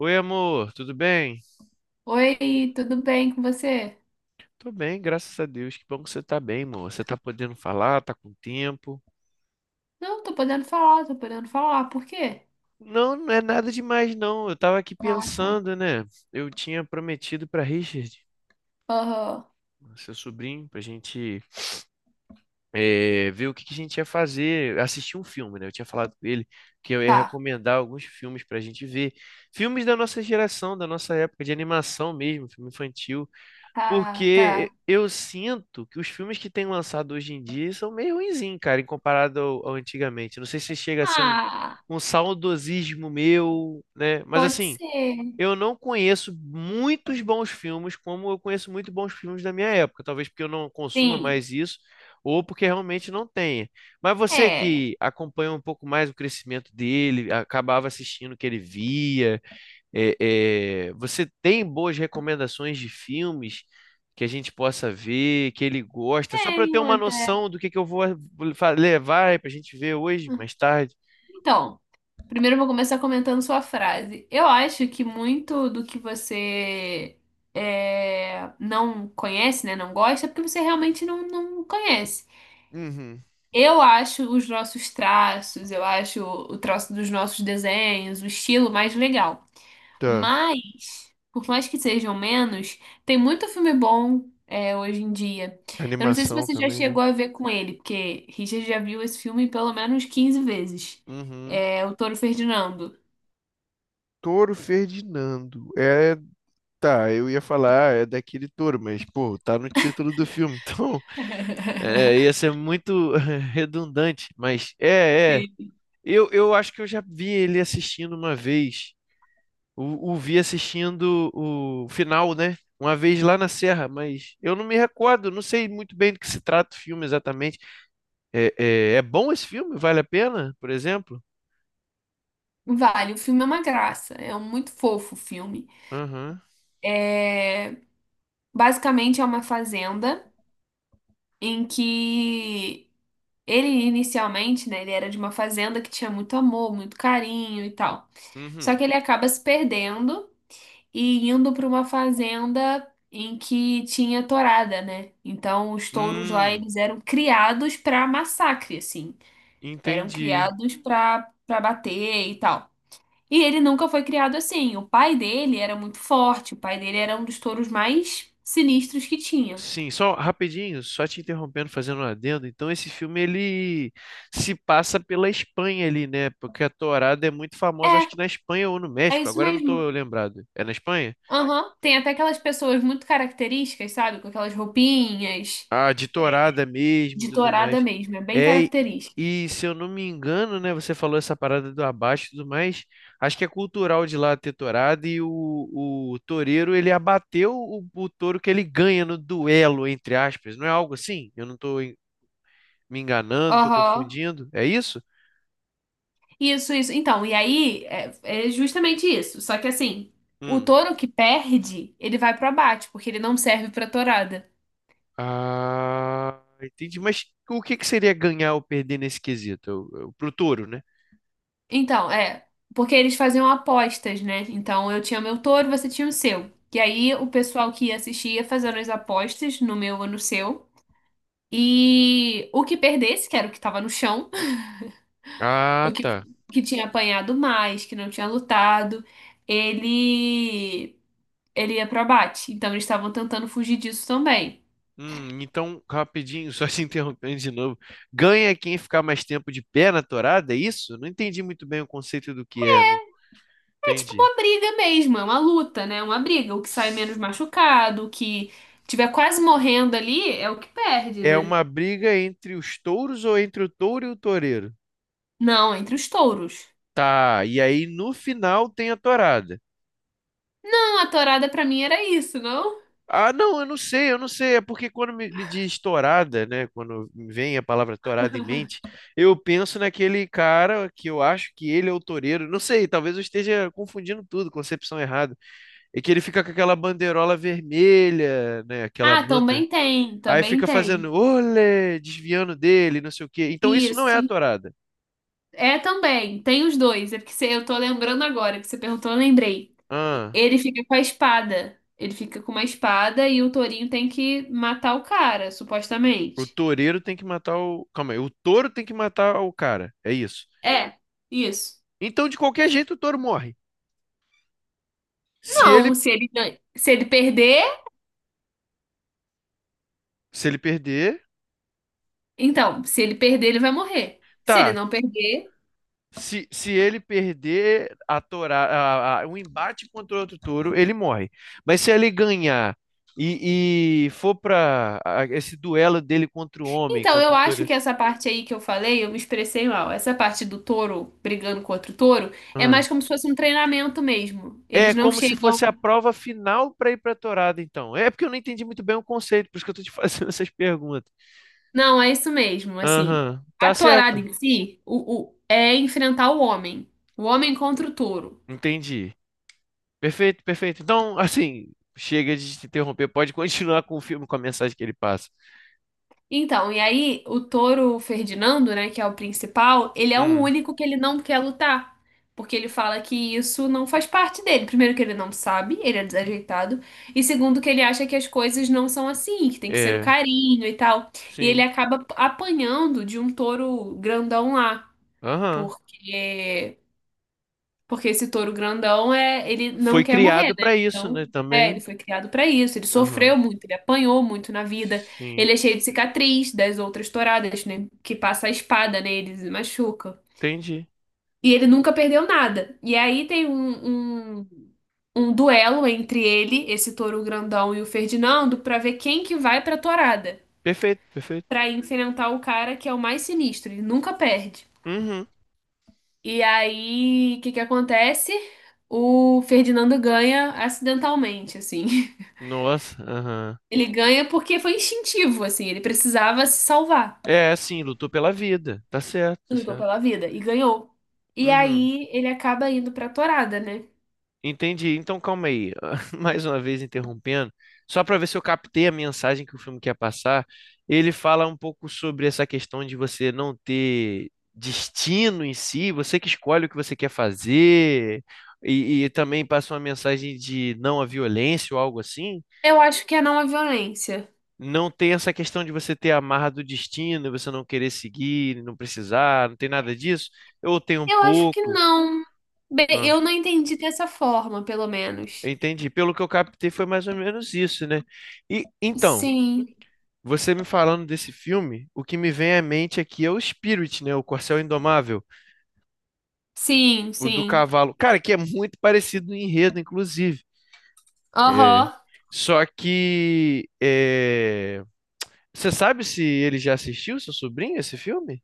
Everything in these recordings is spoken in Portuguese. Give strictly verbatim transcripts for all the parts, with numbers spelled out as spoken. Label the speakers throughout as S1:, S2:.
S1: Oi, amor, tudo bem?
S2: Oi, tudo bem com você?
S1: Tô bem, graças a Deus. Que bom que você tá bem, amor. Você tá podendo falar, tá com tempo?
S2: Não, tô podendo falar, tô podendo falar. Por quê?
S1: Não, não é nada demais, não. Eu tava aqui
S2: Ah, tá.
S1: pensando, né? Eu tinha prometido pra Richard,
S2: Aham.
S1: seu sobrinho, pra gente eh, ver o que que a gente ia fazer, assistir um filme, né? Eu tinha falado com ele que eu ia
S2: Tá,
S1: recomendar alguns filmes pra gente ver. Filmes da nossa geração, da nossa época de animação mesmo, filme infantil.
S2: tá,
S1: Porque
S2: tá.
S1: eu sinto que os filmes que têm lançado hoje em dia são meio ruinzinhos, cara, em comparado ao, ao antigamente. Não sei se chega a ser um,
S2: Ah,
S1: um saudosismo meu, né? Mas
S2: pode
S1: assim,
S2: ser.
S1: eu não conheço muitos bons filmes como eu conheço muito bons filmes da minha época. Talvez porque eu não consuma
S2: Sim.
S1: mais isso, ou porque realmente não tenha. Mas você
S2: É,
S1: que acompanha um pouco mais o crescimento dele, acabava assistindo o que ele via. É, é, você tem boas recomendações de filmes que a gente possa ver, que ele gosta, só para eu ter
S2: tenho
S1: uma
S2: até.
S1: noção do que, que eu vou fa- levar para a gente ver hoje, mais tarde.
S2: Então, primeiro eu vou começar comentando sua frase. Eu acho que muito do que você é, não conhece, né, não gosta, é porque você realmente não, não conhece.
S1: Uhum.
S2: Eu acho os nossos traços, eu acho o traço dos nossos desenhos, o estilo mais legal.
S1: Tá.
S2: Mas, por mais que sejam menos, tem muito filme bom é, hoje em dia. Eu não sei se
S1: Animação
S2: você já
S1: também, né?
S2: chegou a ver com ele, porque Richard já viu esse filme pelo menos quinze vezes.
S1: Uhum.
S2: É o Touro Ferdinando.
S1: Touro Ferdinando. É, tá, eu ia falar, é daquele touro, mas, pô, tá no título do filme, então. É, ia ser muito redundante, mas é, é.
S2: Sim.
S1: Eu, eu acho que eu já vi ele assistindo uma vez. O, o vi assistindo o final, né? Uma vez lá na Serra, mas eu não me recordo, não sei muito bem do que se trata o filme exatamente. É, é, é bom esse filme? Vale a pena, por exemplo?
S2: Vale, o filme é uma graça, é um muito fofo o filme.
S1: Aham.
S2: É, basicamente é uma fazenda em que ele inicialmente, né, ele era de uma fazenda que tinha muito amor, muito carinho e tal. Só
S1: Uhum.
S2: que ele acaba se perdendo e indo para uma fazenda em que tinha tourada, né? Então os touros lá
S1: Hum,
S2: eles eram criados para massacre, assim. Eram
S1: entendi.
S2: criados para para bater e tal. E ele nunca foi criado assim. O pai dele era muito forte, o pai dele era um dos touros mais sinistros que tinha.
S1: Sim, só rapidinho, só te interrompendo, fazendo um adendo. Então, esse filme ele se passa pela Espanha ali, né? Porque a tourada é muito
S2: É,
S1: famosa, acho que na Espanha ou no
S2: é
S1: México.
S2: isso
S1: Agora eu não
S2: mesmo.
S1: estou lembrado. É na Espanha?
S2: Aham, tem até aquelas pessoas muito características, sabe? Com aquelas roupinhas
S1: A de tourada mesmo e
S2: de
S1: tudo
S2: tourada
S1: mais.
S2: mesmo, é bem
S1: É, e
S2: característica.
S1: e se eu não me engano, né, você falou essa parada do abate e tudo mais, acho que é cultural de lá ter tourada e o, o toureiro, ele abateu o, o touro que ele ganha no duelo, entre aspas, não é algo assim? Eu não tô en- me enganando, tô
S2: Aham.
S1: confundindo, é isso?
S2: Isso, isso. Então, e aí é, é justamente isso. Só que assim, o
S1: Hum.
S2: touro que perde, ele vai pro abate, porque ele não serve pra tourada.
S1: Ah, entendi, mas o que que seria ganhar ou perder nesse quesito? Eu- eu- Pro touro, né?
S2: Então, é, porque eles faziam apostas, né? Então, eu tinha meu touro, você tinha o seu. E aí o pessoal que ia assistir ia fazendo as apostas no meu ou no seu. E o que perdesse, que era o que tava no chão,
S1: Ah,
S2: o que,
S1: tá.
S2: que tinha apanhado mais, que não tinha lutado, ele ele ia pro abate. Então eles estavam tentando fugir disso também.
S1: Hum, então, rapidinho, só te interrompendo de novo. Ganha quem ficar mais tempo de pé na torada, é isso? Não entendi muito bem o conceito do que é, não
S2: É tipo
S1: entendi.
S2: uma briga mesmo, é uma luta, né? É uma briga. O que sai menos machucado, o que tiver quase morrendo ali é o que perde,
S1: É
S2: né?
S1: uma briga entre os touros ou entre o touro e o toureiro?
S2: Não, entre os touros.
S1: Tá, e aí no final tem a torada.
S2: Não, a tourada pra mim era isso, não?
S1: Ah, não, eu não sei, eu não sei. É porque quando me, me diz torada, né? Quando me vem a palavra torada em mente, eu penso naquele cara que eu acho que ele é o toureiro. Não sei, talvez eu esteja confundindo tudo, concepção errada. E que ele fica com aquela bandeirola vermelha, né? Aquela
S2: Ah,
S1: manta.
S2: também tem,
S1: Aí
S2: também
S1: fica
S2: tem.
S1: fazendo olé, desviando dele, não sei o quê. Então isso não é
S2: Isso,
S1: a tourada.
S2: é também, tem os dois. É porque você- eu tô lembrando agora que você perguntou, eu lembrei.
S1: Ah,
S2: Ele fica com a espada. Ele fica com uma espada e o Torinho tem que matar o cara,
S1: o
S2: supostamente.
S1: toureiro tem que matar o. Calma aí, o touro tem que matar o cara. É isso.
S2: É, isso.
S1: Então, de qualquer jeito, o touro morre. Se ele,
S2: Não, se ele, gan- se ele perder,
S1: se ele perder,
S2: então, se ele perder, ele vai morrer. Se ele
S1: tá.
S2: não perder.
S1: Se, se ele perder a toura, a- a- um embate contra outro touro, ele morre. Mas se ele ganhar e, e for para esse duelo dele contra o homem,
S2: Então,
S1: contra
S2: eu
S1: o
S2: acho
S1: touro.
S2: que essa parte aí que eu falei, eu me expressei mal. Essa parte do touro brigando com outro touro é
S1: Ah.
S2: mais como se fosse um treinamento mesmo.
S1: É
S2: Eles não
S1: como se
S2: chegam.
S1: fosse a prova final para ir para Torada, então. É porque eu não entendi muito bem o conceito, por isso que eu tô te fazendo essas perguntas.
S2: Não, é isso mesmo, assim.
S1: Aham,
S2: A
S1: tá
S2: tourada
S1: certo.
S2: em si, o, o- é enfrentar o homem. O homem contra o touro.
S1: Entendi. Perfeito, perfeito. Então, assim, chega de te interromper, pode continuar com o filme, com a mensagem que ele passa.
S2: Então, e aí o touro Ferdinando, né, que é o principal, ele é o
S1: Hum,
S2: único que ele não quer lutar. Porque ele fala que isso não faz parte dele. Primeiro que ele não sabe, ele é desajeitado. E segundo que ele acha que as coisas não são assim, que tem que ser o
S1: é,
S2: carinho e tal. E ele
S1: sim.
S2: acaba apanhando de um touro grandão lá.
S1: Aham.
S2: Porque Porque esse touro grandão é, ele não
S1: Foi
S2: quer morrer,
S1: criado
S2: né?
S1: para isso,
S2: Então,
S1: né,
S2: é, ele
S1: também.
S2: foi criado pra isso. Ele
S1: Aham.
S2: sofreu muito, ele apanhou muito na vida.
S1: Sim,
S2: Ele é cheio de cicatriz das outras touradas, né? Que passa a espada neles e machuca.
S1: entendi.
S2: E ele nunca perdeu nada. E aí tem um, um, um duelo entre ele, esse touro grandão e o Ferdinando, pra ver quem que vai pra tourada,
S1: Perfeito, perfeito.
S2: pra enfrentar o cara que é o mais sinistro. Ele nunca perde.
S1: Uhum.
S2: E aí, o que que acontece? O Ferdinando ganha acidentalmente, assim.
S1: Nossa, aham.
S2: Ele ganha porque foi instintivo, assim. Ele precisava se salvar.
S1: É, sim, lutou pela vida. Tá certo, tá
S2: Lutou
S1: certo.
S2: pela vida e ganhou. E
S1: Uhum.
S2: aí, ele acaba indo pra tourada, né?
S1: Entendi. Então, calma aí. Mais uma vez interrompendo, só para ver se eu captei a mensagem que o filme quer passar. Ele fala um pouco sobre essa questão de você não ter destino em si, você que escolhe o que você quer fazer, e, e também passa uma mensagem de não à violência ou algo assim.
S2: Eu acho que é não a violência.
S1: Não tem essa questão de você ter a marra do destino, você não querer seguir, não precisar, não tem nada disso. Eu tenho um
S2: Eu acho que
S1: pouco.
S2: não. Bem, eu não entendi dessa forma, pelo menos.
S1: Entendi. Pelo que eu captei, foi mais ou menos isso, né? E então,
S2: Sim,
S1: você me falando desse filme, o que me vem à mente aqui é o Spirit, né? O Corcel Indomável,
S2: sim,
S1: o do
S2: sim.
S1: cavalo. Cara, que é muito parecido no enredo, inclusive. É,
S2: Aham.
S1: só que é, você sabe se ele já assistiu, seu sobrinho, esse filme?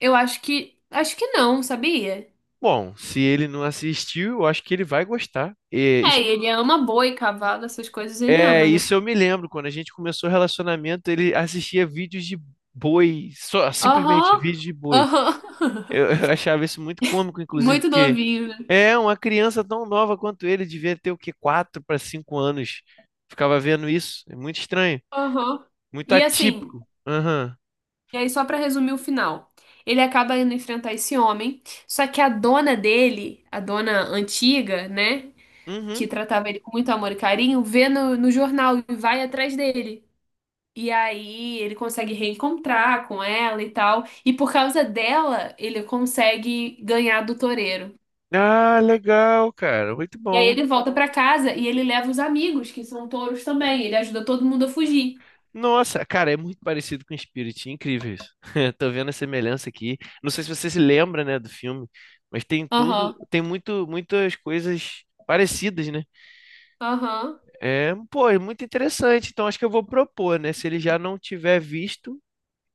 S2: Eu acho que. Acho que não, sabia?
S1: Bom, se ele não assistiu, eu acho que ele vai gostar. É,
S2: É,
S1: es-
S2: ele ama boi, cavalo, essas coisas ele
S1: é,
S2: ama, né?
S1: isso eu me lembro, quando a gente começou o relacionamento, ele assistia vídeos de boi, só simplesmente
S2: Aham,
S1: vídeos de boi.
S2: aham.
S1: Eu, eu achava isso muito cômico, inclusive,
S2: Muito
S1: porque
S2: novinho, né?
S1: é uma criança tão nova quanto ele, devia ter o quê? Quatro para cinco anos. Ficava vendo isso. É muito estranho,
S2: Aham.
S1: muito
S2: E assim,
S1: atípico. Aham.
S2: e aí só pra resumir o final. Ele acaba indo enfrentar esse homem, só que a dona dele, a dona antiga, né, que
S1: Uhum.
S2: tratava ele com muito amor e carinho, vê no, no jornal e vai atrás dele. E aí ele consegue reencontrar com ela e tal, e por causa dela, ele consegue ganhar do toureiro.
S1: Ah, legal, cara. Muito
S2: E aí
S1: bom.
S2: ele volta pra casa e ele leva os amigos, que são touros também, ele ajuda todo mundo a fugir.
S1: Nossa, cara, é muito parecido com Spirit, incrível isso. Tô vendo a semelhança aqui. Não sei se você se lembra, né, do filme, mas tem tudo,
S2: Aham,
S1: tem muito, muitas coisas parecidas, né?
S2: aham.
S1: É, pô, é muito interessante. Então acho que eu vou propor, né? Se ele já não tiver visto,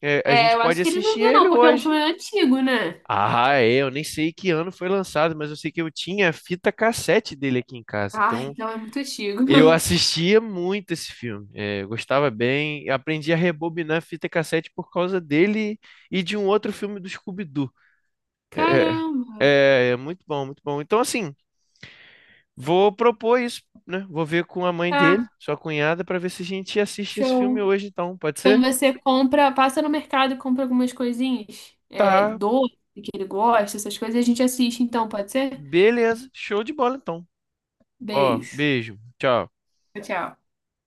S1: é, a
S2: É,
S1: gente
S2: eu
S1: pode
S2: acho que ele não
S1: assistir
S2: viu,
S1: ele
S2: não, porque é um
S1: hoje.
S2: filme antigo, né?
S1: Ah, é, eu nem sei que ano foi lançado, mas eu sei que eu tinha a fita cassete dele aqui em casa.
S2: Ah,
S1: Então,
S2: então é muito antigo.
S1: eu assistia muito esse filme. É, eu gostava bem, aprendi a rebobinar a fita cassete por causa dele e de um outro filme do Scooby-Doo. É, é,
S2: Caramba.
S1: é é muito bom, muito bom. Então, assim, vou propor isso, né? Vou ver com a mãe
S2: Tá,
S1: dele, sua cunhada, para ver se a gente assiste esse
S2: show.
S1: filme hoje, então. Pode
S2: Então
S1: ser?
S2: você compra, passa no mercado e compra algumas coisinhas. É,
S1: Tá,
S2: doce que ele gosta, essas coisas, e a gente assiste, então, pode ser?
S1: beleza. Show de bola, então. Ó,
S2: Beijo.
S1: beijo. Tchau.
S2: Tchau, tchau.